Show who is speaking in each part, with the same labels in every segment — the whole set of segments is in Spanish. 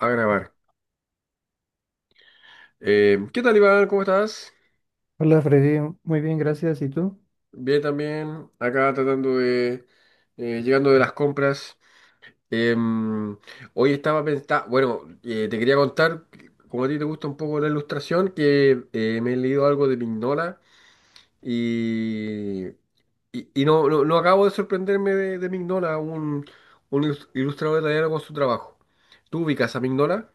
Speaker 1: A grabar. ¿Qué tal, Iván? ¿Cómo estás?
Speaker 2: Hola Freddy, muy bien, gracias. ¿Y tú?
Speaker 1: Bien también, acá tratando de... llegando de las compras. Em, hoy estaba pensando... Bueno, te quería contar, como a ti te gusta un poco la ilustración, que me he leído algo de Mignola y... Y no, no acabo de sorprenderme de Mignola, un, ilustrador italiano con su trabajo. ¿Tú ubicas a Mignola?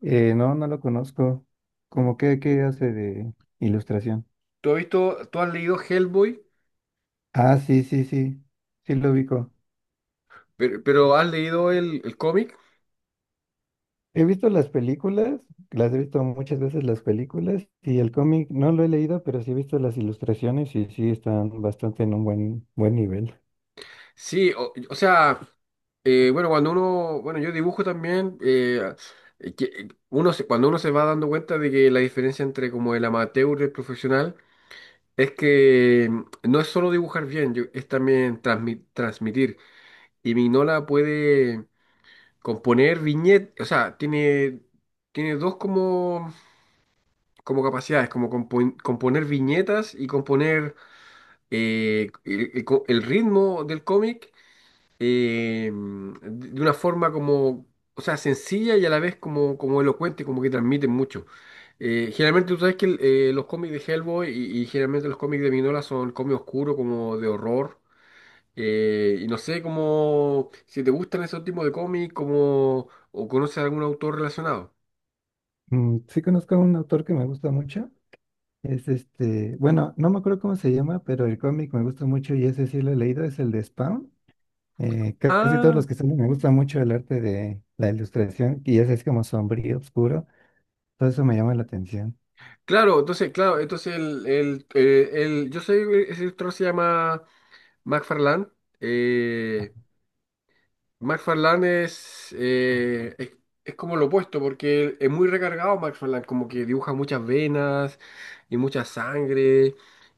Speaker 2: No, no lo conozco. ¿Cómo que qué hace de ilustración?
Speaker 1: ¿Tú has visto, tú has leído Hellboy?
Speaker 2: Ah, sí, sí, sí, sí lo ubico.
Speaker 1: Pero ¿has leído el cómic?
Speaker 2: He visto las películas, las he visto muchas veces las películas y el cómic no lo he leído, pero sí he visto las ilustraciones y sí están bastante en un buen nivel.
Speaker 1: Sí, o sea, bueno, cuando uno, bueno, yo dibujo también, que cuando uno se va dando cuenta de que la diferencia entre como el amateur y el profesional es que no es solo dibujar bien, es también transmitir. Y Mignola puede componer viñetas, o sea, tiene, tiene dos como, como capacidades, como componer viñetas y componer el ritmo del cómic, de una forma como, o sea, sencilla y a la vez como, como elocuente, como que transmiten mucho. Generalmente tú sabes que los cómics de Hellboy y generalmente los cómics de Minola son cómics oscuros, como de horror, y no sé cómo, si te gustan esos tipos de cómics, como, o conoces algún autor relacionado.
Speaker 2: Sí conozco a un autor que me gusta mucho. Es este, bueno, no me acuerdo cómo se llama, pero el cómic me gusta mucho y ese sí lo he leído, es el de Spawn. Casi todos
Speaker 1: Ah,
Speaker 2: los que están, me gusta mucho el arte de la ilustración, y ese es como sombrío, oscuro, todo eso me llama la atención.
Speaker 1: claro, entonces yo sé que ese autor se llama McFarlane. eh, McFarlane es como lo opuesto, porque es muy recargado McFarlane, como que dibuja muchas venas y mucha sangre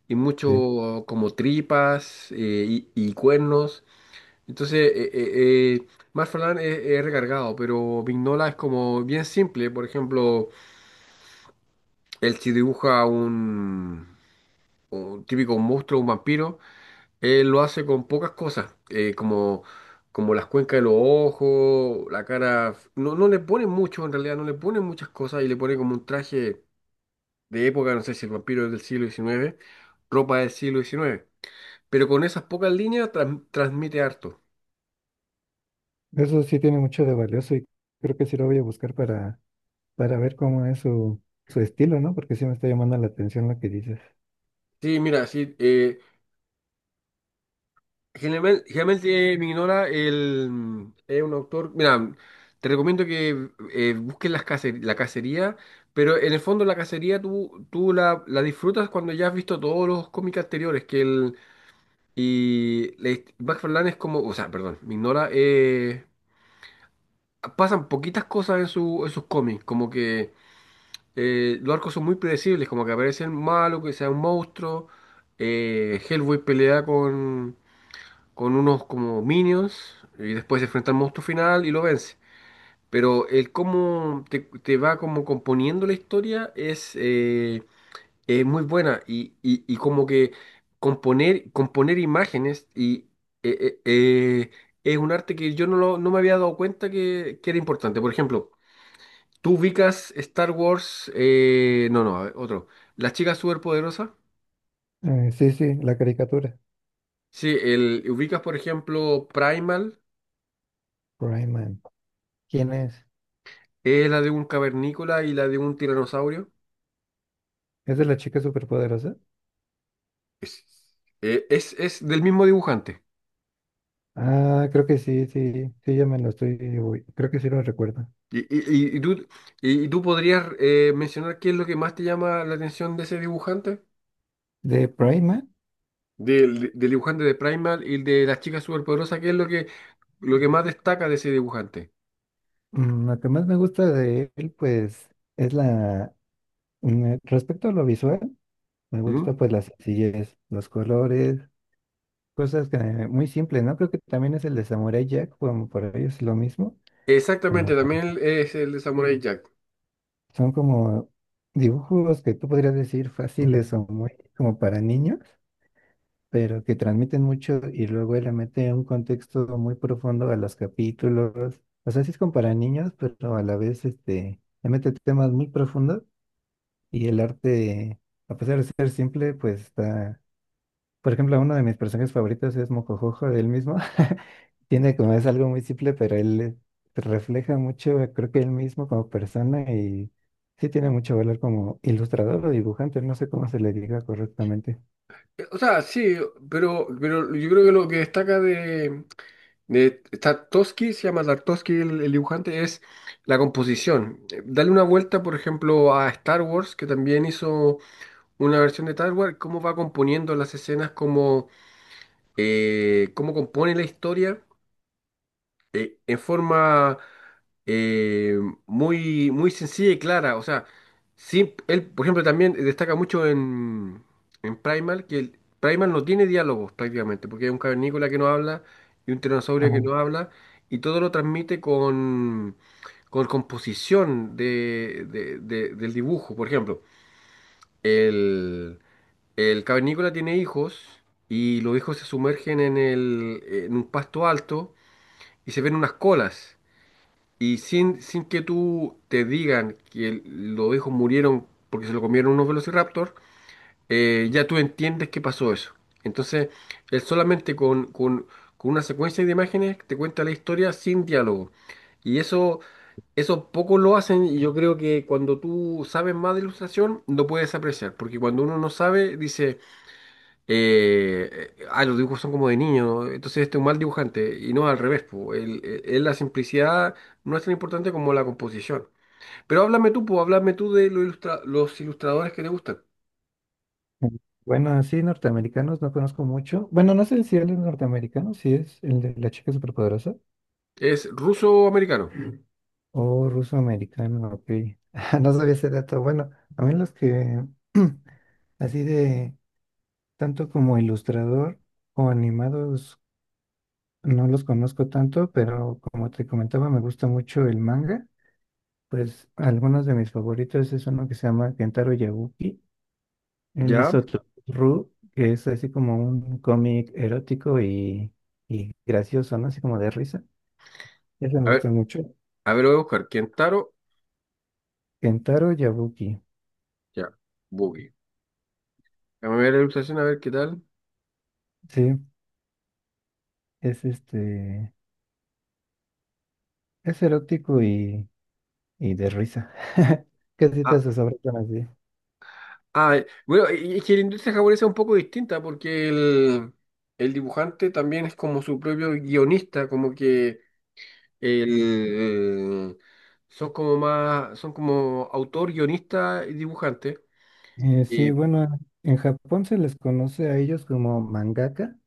Speaker 1: y
Speaker 2: Sí.
Speaker 1: mucho como tripas, y cuernos. Entonces, eh, McFarlane es recargado, pero Vignola es como bien simple. Por ejemplo, él sí dibuja un típico monstruo, un vampiro, él lo hace con pocas cosas, como, como las cuencas de los ojos, la cara. No, no le pone mucho, en realidad, no le pone muchas cosas y le pone como un traje de época, no sé si el vampiro es del siglo XIX, ropa del siglo XIX. Pero con esas pocas líneas transmite harto.
Speaker 2: Eso sí tiene mucho de valioso y creo que sí lo voy a buscar para ver cómo es su estilo, ¿no? Porque sí me está llamando la atención lo que dices.
Speaker 1: Sí, mira, sí, generalmente, generalmente, me ignora el, es un autor. Mira, te recomiendo que busques la cacería, pero en el fondo la cacería tú, tú la, la disfrutas cuando ya has visto todos los cómics anteriores. Que el, y le- Max Verlaine es como, o sea, perdón, me ignora, pasan poquitas cosas en, su, en sus cómics, como que los arcos son muy predecibles, como que aparece el malo, que sea un monstruo. Hellboy pelea con unos como minions y después se enfrenta al monstruo final y lo vence. Pero el cómo te, te va como componiendo la historia es muy buena y, y como que componer, componer imágenes y eh, eh, eh, es un arte que yo no, no me había dado cuenta que era importante. Por ejemplo, tú ubicas Star Wars, no, no, a ver, otro. Las chicas superpoderosas.
Speaker 2: Sí, sí, la caricatura.
Speaker 1: Sí, el, ubicas por ejemplo Primal.
Speaker 2: Rayman. ¿Quién es?
Speaker 1: La de un cavernícola y la de un tiranosaurio.
Speaker 2: ¿Es de la chica superpoderosa?
Speaker 1: Es, es del mismo dibujante.
Speaker 2: Ah, creo que sí, sí, sí, ya me lo estoy, uy, creo que sí lo recuerdo.
Speaker 1: Y, y- y- y tú, y tú podrías mencionar qué es lo que más te llama la atención de ese dibujante,
Speaker 2: De Prima.
Speaker 1: del, del dibujante de Primal y de las chicas superpoderosas, qué es lo que más destaca de ese dibujante.
Speaker 2: Mm, lo que más me gusta de él, pues, es la, respecto a lo visual, me
Speaker 1: ¿Mm?
Speaker 2: gusta pues la sencillez, los colores, cosas que muy simples, ¿no? Creo que también es el de Samurai Jack, como por ellos es lo mismo, como
Speaker 1: Exactamente, también es el de Samurai Jack.
Speaker 2: son como dibujos que tú podrías decir fáciles o muy como para niños, pero que transmiten mucho y luego él le mete un contexto muy profundo a los capítulos. O sea, sí es como para niños, pero a la vez este le mete temas muy profundos y el arte, a pesar de ser simple, pues está. Por ejemplo, uno de mis personajes favoritos es Mocojojo, él mismo. Tiene como es algo muy simple, pero él refleja mucho, creo que él mismo como persona y sí tiene mucho valor como ilustrador o dibujante, no sé cómo se le diga correctamente.
Speaker 1: O sea, sí, pero yo creo que lo que destaca de, Tarkovsky, se llama Tarkovsky el dibujante, es la composición. Dale una vuelta, por ejemplo, a Star Wars, que también hizo una versión de Star Wars, cómo va componiendo las escenas, cómo, cómo compone la historia en forma eh, muy, muy sencilla y clara. O sea, él, por ejemplo, también destaca mucho en Primal, que el, Primal no tiene diálogos prácticamente, porque hay un cavernícola que no habla y un
Speaker 2: Ah,
Speaker 1: tiranosaurio que no habla, y todo lo transmite con composición de, del dibujo. Por ejemplo, el, el cavernícola tiene hijos y los hijos se sumergen en, el, en un pasto alto y se ven unas colas. Y sin, sin que tú te digan que los ovejos murieron porque se lo comieron unos velociraptor, ya tú entiendes que pasó eso. Entonces, él solamente con, con una secuencia de imágenes te cuenta la historia sin diálogo. Y eso poco lo hacen y yo creo que cuando tú sabes más de ilustración lo puedes apreciar, porque cuando uno no sabe, dice... ah, los dibujos son como de niño, entonces este es un mal dibujante, y no al revés, po. La simplicidad no es tan importante como la composición. Pero háblame tú, po, háblame tú de los, los ilustradores que te gustan.
Speaker 2: mm. Bueno, así norteamericanos no conozco mucho. Bueno, no sé si él es norteamericano, si es el de la chica superpoderosa
Speaker 1: ¿Es ruso o americano?
Speaker 2: o ruso-americano, ok. No sabía ese dato. Bueno, a mí los que así de tanto como ilustrador o animados, no los conozco tanto, pero como te comentaba, me gusta mucho el manga. Pues algunos de mis favoritos es uno que se llama Kentaro Yabuki. Él
Speaker 1: ¿Ya?
Speaker 2: hizo Ru, que es así como un cómic erótico y gracioso, ¿no? Así como de risa. Ese me
Speaker 1: A ver,
Speaker 2: gusta mucho.
Speaker 1: a ver, lo voy a buscar. Kentaro,
Speaker 2: Kentaro Yabuki.
Speaker 1: ya, Boogie. Déjame ver la ilustración, a ver qué tal.
Speaker 2: Sí, es este, es erótico y de risa. Casi todas
Speaker 1: Ah,
Speaker 2: sus obras son así.
Speaker 1: ah, bueno, y es que la industria japonesa es un poco distinta porque el dibujante también es como su propio guionista, como que El- son como más, son como autor, guionista y dibujante.
Speaker 2: Sí,
Speaker 1: Eh,
Speaker 2: bueno, en Japón se les conoce a ellos como mangaka,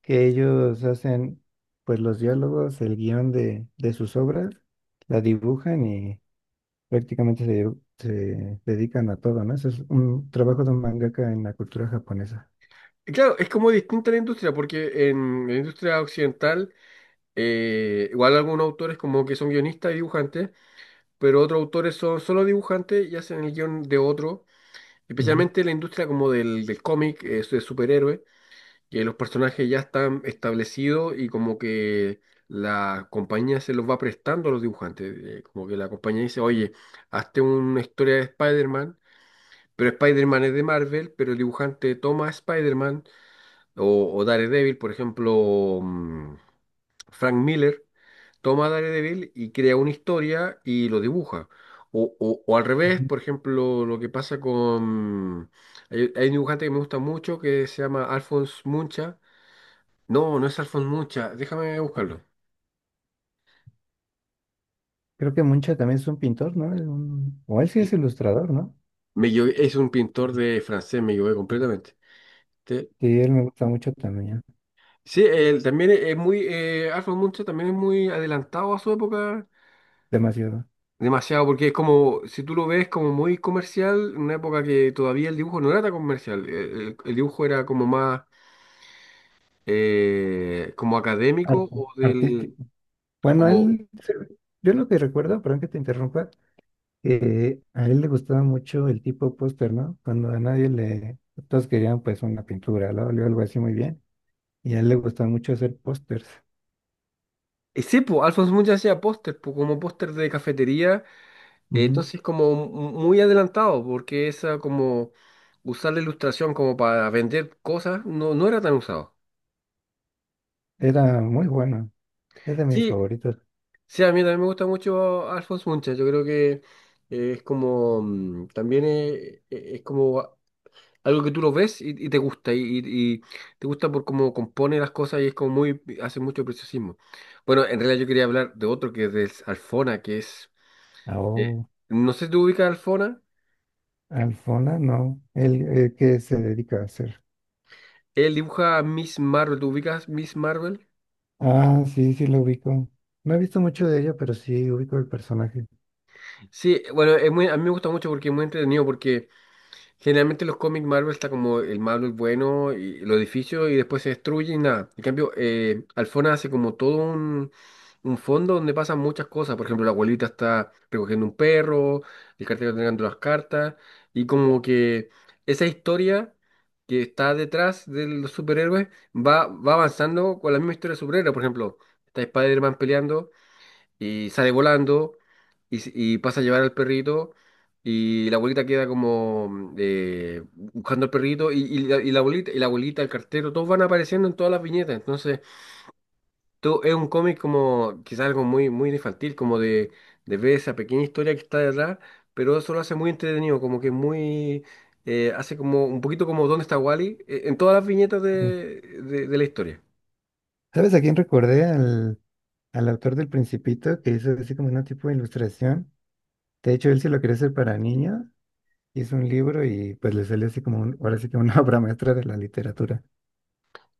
Speaker 2: que ellos hacen pues los diálogos, el guión de sus obras, la dibujan y prácticamente se dedican a todo, ¿no? Eso es un trabajo de un mangaka en la cultura japonesa.
Speaker 1: y claro, es como distinta la industria, porque en la industria occidental, igual algunos autores como que son guionistas y dibujantes, pero otros autores son solo dibujantes y hacen el guión de otro,
Speaker 2: Ujú,
Speaker 1: especialmente en la industria como del, del cómic, de superhéroes, que los personajes ya están establecidos y como que la compañía se los va prestando a los dibujantes, como que la compañía dice, oye, hazte una historia de Spider-Man, pero Spider-Man es de Marvel, pero el dibujante toma a Spider-Man o Daredevil, por ejemplo, Frank Miller toma a Daredevil y crea una historia y lo dibuja. O, o al revés,
Speaker 2: ujú.
Speaker 1: por ejemplo, lo que pasa con... Hay un dibujante que me gusta mucho que se llama Alphonse Muncha, no, no es Alphonse Mucha. Déjame buscarlo.
Speaker 2: Creo que Muncha también es un pintor, ¿no? Es un- o él sí es ilustrador, ¿no?
Speaker 1: Me equivoqué, es un pintor de francés, me equivoqué completamente. Te-
Speaker 2: Sí, él me gusta mucho también,
Speaker 1: Sí, él también es muy. Alphonse Mucha también es muy adelantado a su época.
Speaker 2: demasiado.
Speaker 1: Demasiado, porque es como, si tú lo ves como muy comercial, una época que todavía el dibujo no era tan comercial. El dibujo era como más como académico
Speaker 2: Arte,
Speaker 1: o del.
Speaker 2: artístico. Bueno,
Speaker 1: Como,
Speaker 2: él, se- yo lo que recuerdo, perdón que te interrumpa, a él le gustaba mucho el tipo póster, ¿no? Cuando a nadie le... Todos querían pues una pintura, ¿no? O algo así muy bien. Y a él le gustaba mucho hacer pósters.
Speaker 1: ese, po, Alphonse Mucha hacía póster, po, como póster de cafetería.
Speaker 2: Ujú.
Speaker 1: Entonces, como muy adelantado, porque esa como usar la ilustración como para vender cosas no, no era tan usado.
Speaker 2: Era muy bueno. Es de mis
Speaker 1: Sí,
Speaker 2: favoritos.
Speaker 1: sí, a mí también me gusta mucho Alphonse Mucha. Yo creo que es como, también es, como algo que tú lo ves y te gusta, y, y te gusta por cómo compone las cosas y es como muy, hace mucho preciosismo. Bueno, en realidad yo quería hablar de otro que es de Alfona, que es,
Speaker 2: Ah,
Speaker 1: eh,
Speaker 2: oh,
Speaker 1: no sé si tú ubicas a Alfona,
Speaker 2: Alfona, no. Él, ¿qué se dedica a hacer?
Speaker 1: él dibuja a Miss Marvel, ¿tú ubicas Miss Marvel?
Speaker 2: Ah, sí, sí lo ubico. No he visto mucho de ella, pero sí ubico el personaje.
Speaker 1: Sí, bueno, es muy, a mí me gusta mucho porque es muy entretenido, porque generalmente los cómics Marvel está como el malo es bueno y los edificios y después se destruye y nada. En cambio, Alfona hace como todo un fondo donde pasan muchas cosas. Por ejemplo, la abuelita está recogiendo un perro, el cartero está entregando las cartas y como que esa historia que está detrás de los superhéroes va, va avanzando con la misma historia de superhéroes. Por ejemplo, está Spider-Man peleando y sale volando y, y pasa a llevar al perrito y la abuelita queda como buscando al perrito y la abuelita, el cartero, todos van apareciendo en todas las viñetas. Entonces, todo es un cómic como quizás algo muy, muy infantil, como de ver esa pequeña historia que está detrás, pero eso lo hace muy entretenido, como que muy... hace como un poquito como ¿Dónde está Wally? En todas las viñetas
Speaker 2: Bien.
Speaker 1: de la historia.
Speaker 2: ¿Sabes a quién recordé? Al autor del Principito, que hizo así como una tipo de ilustración. De hecho, él sí lo quería hacer para niños. Hizo un libro y pues le salió así como, un- ahora sí que una obra maestra de la literatura.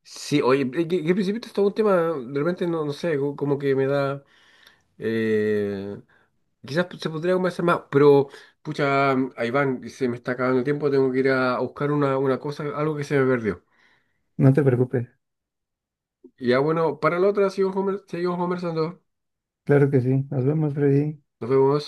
Speaker 1: Sí, oye, que al principio esto es todo un tema, de repente no, no sé, como que me da... Eh, quizás se podría conversar más, pero pucha, ahí van se me está acabando el tiempo, tengo que ir a buscar una cosa, algo que se me perdió.
Speaker 2: No te preocupes.
Speaker 1: Ya bueno, para la otra seguimos, seguimos conversando.
Speaker 2: Claro que sí. Nos vemos, Freddy.
Speaker 1: Nos vemos.